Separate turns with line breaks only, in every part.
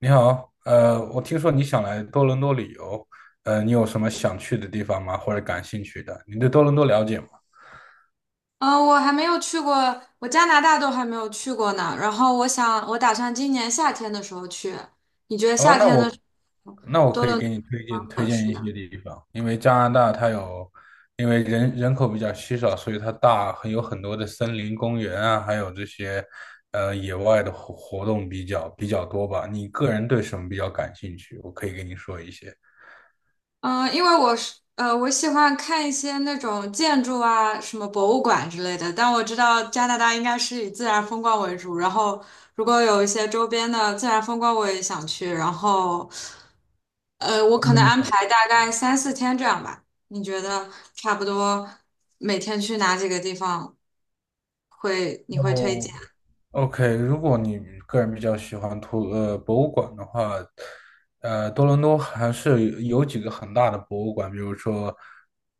你好，我听说你想来多伦多旅游。你有什么想去的地方吗？或者感兴趣的？你对多伦多了解吗？
嗯，我还没有去过，我加拿大都还没有去过呢。然后我打算今年夏天的时候去。你觉得
哦，
夏
那
天的
我
时候
那我
多
可以
伦多
给你推荐推
合
荐
适
一
呢？
些地方。因为加拿大它有，因为人口比较稀少，所以它大很有很多的森林公园啊，还有这些野外的活动比较多吧。你个人对什么比较感兴趣？我可以给你说一些。
因为我喜欢看一些那种建筑啊，什么博物馆之类的。但我知道加拿大应该是以自然风光为主，然后如果有一些周边的自然风光，我也想去。然后，我可能安排大概三四天这样吧。你觉得差不多每天去哪几个地方你会推
嗯，
荐？
OK，如果你个人比较喜欢博物馆的话，多伦多还是有几个很大的博物馆，比如说，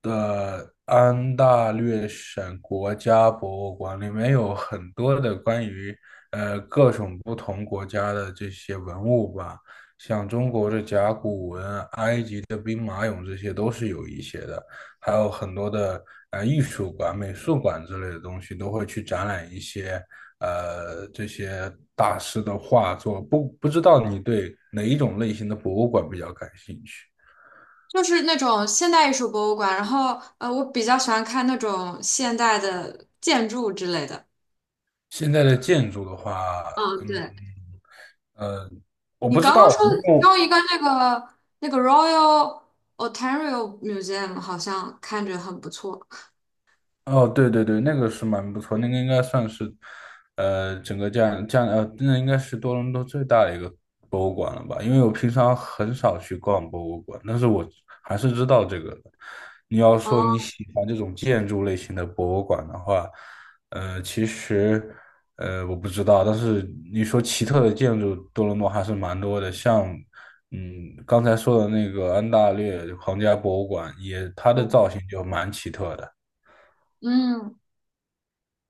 安大略省国家博物馆里面有很多的关于各种不同国家的这些文物吧，像中国的甲骨文、埃及的兵马俑这些都是有一些的，还有很多的艺术馆、美术馆之类的东西都会去展览一些。这些大师的画作，不知道你对哪一种类型的博物馆比较感兴趣？
就是那种现代艺术博物馆，然后我比较喜欢看那种现代的建筑之类的。
现在的建筑的话，
嗯，
嗯
对。
呃，我
你
不知
刚刚
道。
说的用一个那个 Royal Ontario Museum 好像看着很不错
哦，对对对，那个是蛮不错，那个应该算是，整个这样，那应该是多伦多最大的一个博物馆了吧？因为我平常很少去逛博物馆，但是我还是知道这个的。你要说
哦，
你喜欢这种建筑类型的博物馆的话，其实，我不知道，但是你说奇特的建筑，多伦多还是蛮多的，像，刚才说的那个安大略皇家博物馆，也它的
嗯
造型就蛮奇特的。
嗯，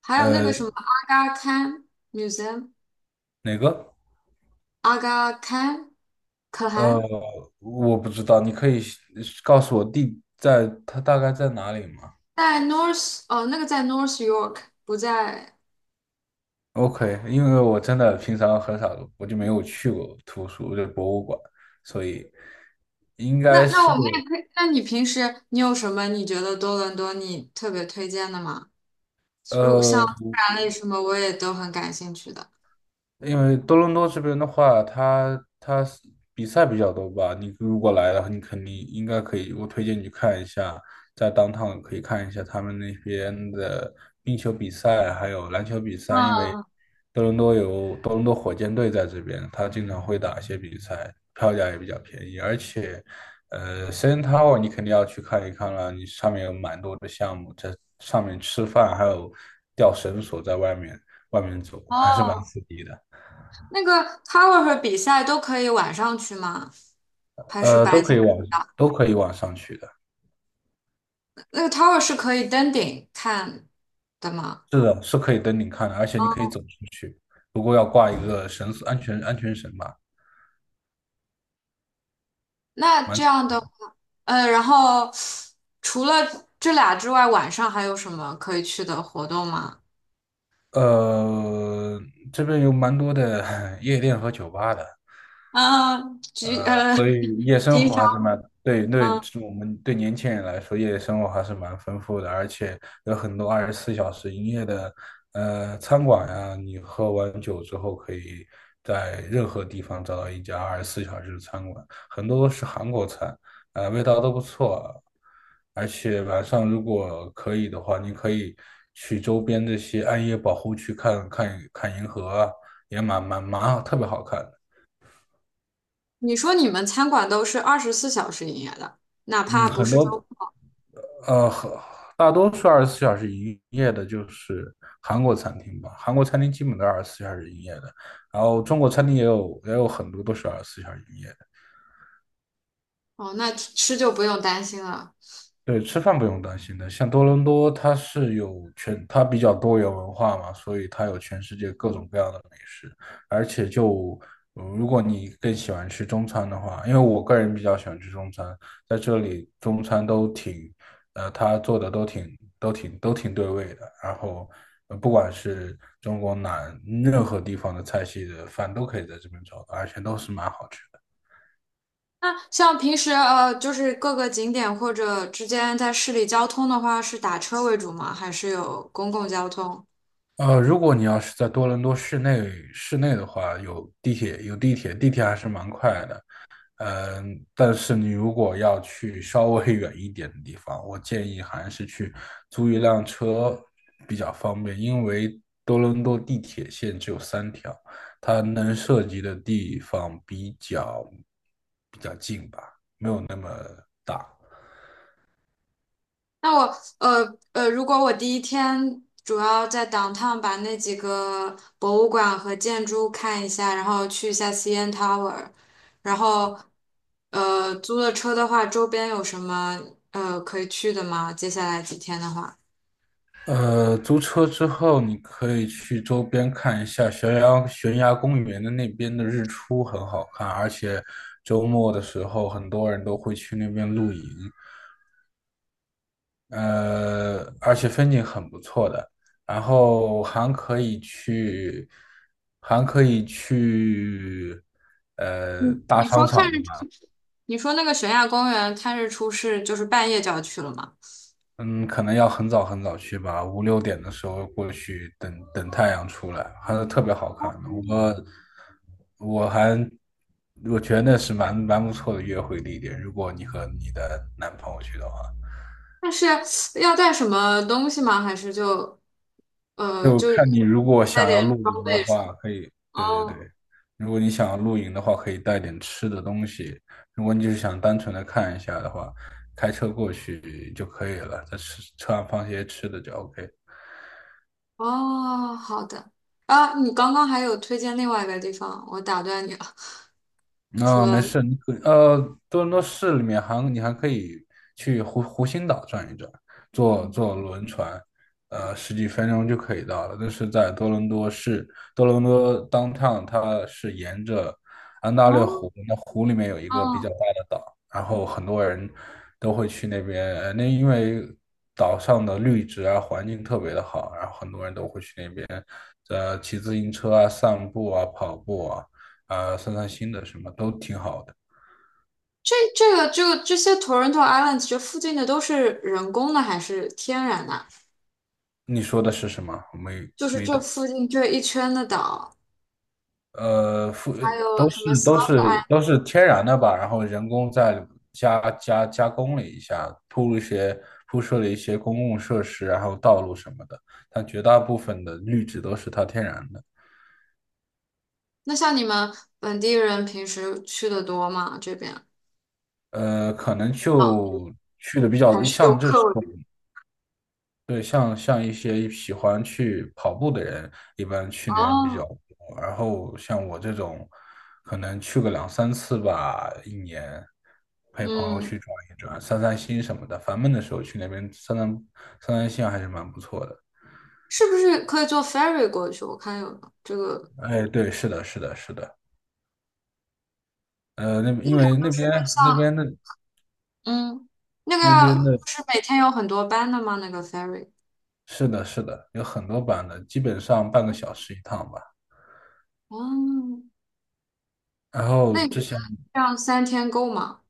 还有那个
呃。
什么阿嘎堪 Museum,
哪个？
阿嘎堪可
呃，
汗
我不知道，你可以告诉我地在它大概在哪里吗
在 North 哦，那个在 North York 不在。
？OK，因为我真的平常很少，我就没有去过图书，就博物馆，所以应该
那
是。
我们也可以，那你平时你有什么你觉得多伦多你特别推荐的吗？如像
呃，
自然类什么我也都很感兴趣的。
因为多伦多这边的话，它是比赛比较多吧。你如果来了，你肯定应该可以。我推荐你去看一下，在 downtown 可以看一下他们那边的冰球比赛，还有篮球比赛。因为
嗯，
多伦多有多伦多火箭队在这边，他经常会打一些比赛，票价也比较便宜。而且，CN Tower 你肯定要去看一看了，你上面有蛮多的项目，在上面吃饭，还有吊绳索在外面走，还是蛮
哦，
刺激的。
那个 tower 和比赛都可以晚上去吗？还是
呃，都
白
可以
天
往
比较
都可以往上去的，
那个 tower 是可以登顶看的吗？
是的，是可以登顶看的，而且你可以走出去，不过要挂一个绳索，安全绳吧。
那这
蛮
样的话，然后除了这俩之外，晚上还有什么可以去的活动吗？
呃这边有蛮多的 夜店和酒吧的。
嗯，局呃，
所以 夜生
平
活
常
还是蛮，对对，
嗯，
我们对年轻人来说，夜生活还是蛮丰富的，而且有很多二十四小时营业的，餐馆呀，你喝完酒之后，可以在任何地方找到一家二十四小时的餐馆，很多都是韩国菜，味道都不错，而且晚上如果可以的话，你可以去周边这些暗夜保护区看看银河啊也蛮好特别好看的。
你说你们餐馆都是二十四小时营业的，哪
嗯，
怕不是周，
呃，大多数二十四小时营业的就是韩国餐厅吧，韩国餐厅基本都是二十四小时营业的，然后中国餐厅也有很多都是二十四小时营业的。
哦，那吃就不用担心了。
对，吃饭不用担心的。像多伦多，它是有全，它比较多元文化嘛，所以它有全世界各种各样的美食。而且如果你更喜欢吃中餐的话，因为我个人比较喜欢吃中餐，在这里中餐都挺，它做的都挺对味的。然后，不管是中国哪任何地方的菜系的饭都可以在这边找到，而且都是蛮好吃的。
那像平时就是各个景点或者之间在市里交通的话，是打车为主吗？还是有公共交通？
如果你要是在多伦多市内的话，有地铁，地铁还是蛮快的。嗯，但是你如果要去稍微 远一点的地方，我建议还是去租一辆车比较方便，因为多伦多地铁线只有3条，它能涉及的地方比较近。
那我如果我第一天主要在 downtown 把那几个博物馆和建筑看一下，然后去一下 CN Tower,然后租了车的话，周边有什么可以去的吗？接下来几天的话，
租车之后，你可以去周边看一下悬崖公园的那边的日出，很好看，而且周末的时候，很多人都会去那边露营，而且风景很不错的。然后还可以去
你
大
你说
商
看
场
日
吧。
出，你说那个悬崖公园看日出是就是半夜就要去了吗？
嗯，可能要很早很早去吧，五六点的时候过去等，等太阳出来，还是特别好看的。我还我觉得那是蛮不错的约会地点，如果你和你的男朋友去的话，
但是要带什么东西吗？还是就呃
就
就
看你如果
带
想要
点
露
装
营的
备什
话，
么？
可以，对对
哦
对，如果你想要露营的话，可以带点吃的东西。如果你就是想单纯的看一下的话，开车过去就可以了，在吃车上放些吃的就 OK。
哦。好的。啊，你刚刚还有推荐另外一个地方，我打断你了。除
啊、没
了
事，多伦多市里面你还可以去湖心岛转一转，坐
嗯
坐轮船。十几分钟就可以到了。但是在多伦多市，多伦多 downtown 它是沿着安大略
哦
湖，那湖里面有一个比较
哦，
大的岛，然后很多人都会去那边，那因为岛上的绿植啊，环境特别的好，然后很多人都会去那边，骑自行车啊、散步啊、跑步啊。散散心的什么都挺好的。
这这个就这些 Toronto Islands 这附近的都是人工的还是天然的？
你说的是什么？我们
就是这附近这一圈的岛，
呃，复
还有
都
什么
是
s
都是都是天然的吧，然后人工再加工了一下，铺设了一些公共设施，然后道路什么的，但绝大部分的绿植都是它天然的。
那像你们本地人平时去的多吗？这边
可能
啊，
就去的比
还
较
是游
像这
客
种，
为主
对，像一些喜欢去跑步的人，一般去那边比较
哦，
多。然后像我这种，可能去个两三次吧，一年，陪朋友
嗯。
去转一转，散散心什么的。烦闷的时候去那边散散心，还是蛮不错的。
是不是可以坐 ferry 过去？我看有的这个，
哎，对，是的，是的，是的。那因为
这个
那
像，
边的
嗯，那个
那边
要
的，
就是每天有很多班的吗？那个 ferry,
是的，是的，有很多版的，基本上半个小时一趟吧。
嗯，
然后
那你觉
之
得
前。
这样三天够吗？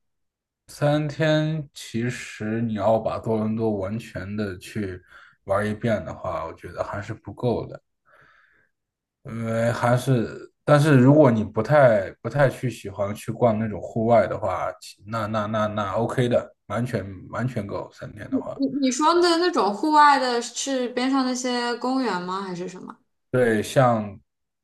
三天，其实你要把多伦多完全的去玩一遍的话，我觉得还是不够的，因为还是，但是如果你不太去喜欢去逛那种户外的话，其那那那那 OK 的，完全够三天
你
的话。
你说的那种户外的是边上那些公园吗？还是什么？
对，像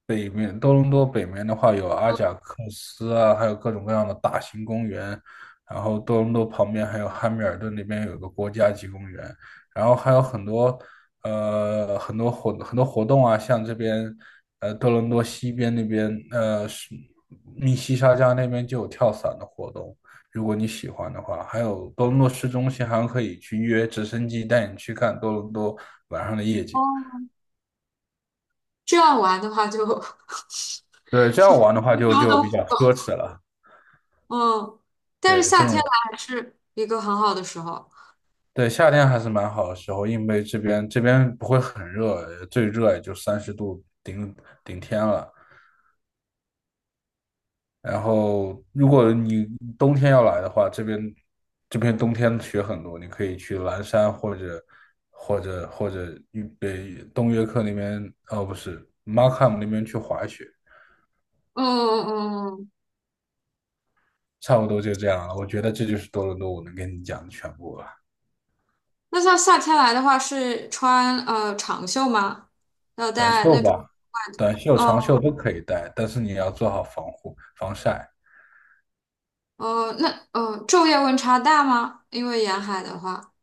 多伦多北面的话，有阿贾克斯啊，还有各种各样的大型公园。然后多伦多旁边还有汉密尔顿那边有个国家级公园，然后还有很多活动啊，像这边多伦多西边那边是密西沙加那边就有跳伞的活动，如果你喜欢的话，还有多伦多市中心还可以去约直升机带你去看多伦多晚上的夜景。
哦，这样玩的话就
对，这样玩的话
一
就
周
就
都不
比较
够
奢侈了。
嗯，但是
对，
夏天来还是一个很好的时候，
对，夏天还是蛮好的时候，因为这边不会很热，最热也就30度顶天了。然后，如果你冬天要来的话，这边冬天雪很多，你可以去蓝山或者预北东约克那边，哦不是 Markham 那边去滑雪。
嗯嗯嗯。
差不多就这样了。我觉得这就是多伦多我能跟你讲的全部了。
那像夏天来的话，是穿长袖吗？要
短
带
袖
那种
吧，
外
短袖、
套？
长
哦
袖都可以带，但是你要做好防护、防晒。
哦，那昼夜温差大吗？因为沿海的话，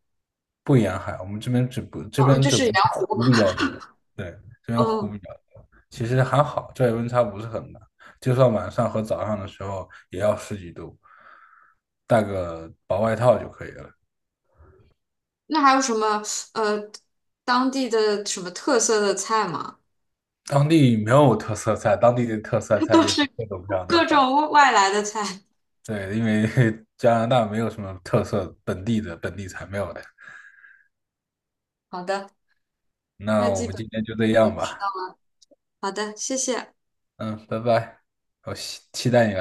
不沿海，我们这边只不这
哦，
边
就
只
是
不
沿，
是湖比较多。对，这边湖
嗯，
比较多，其实还好，昼夜温差不是很大，就算晚上和早上的时候也要十几度，带个薄外套就可以了。
那还有什么呃当地的什么特色的菜吗？
当地没有特色菜，当地的特色 菜
都
就是
是
各种各样的
各
饭。
种外来的菜。
对，因为 加拿大没有什么特色，本地菜没有的。
好的，
那
那
我
基本
们今天就这
我
样
知道。
吧。
好的，谢谢。
嗯，拜拜，我期待你来。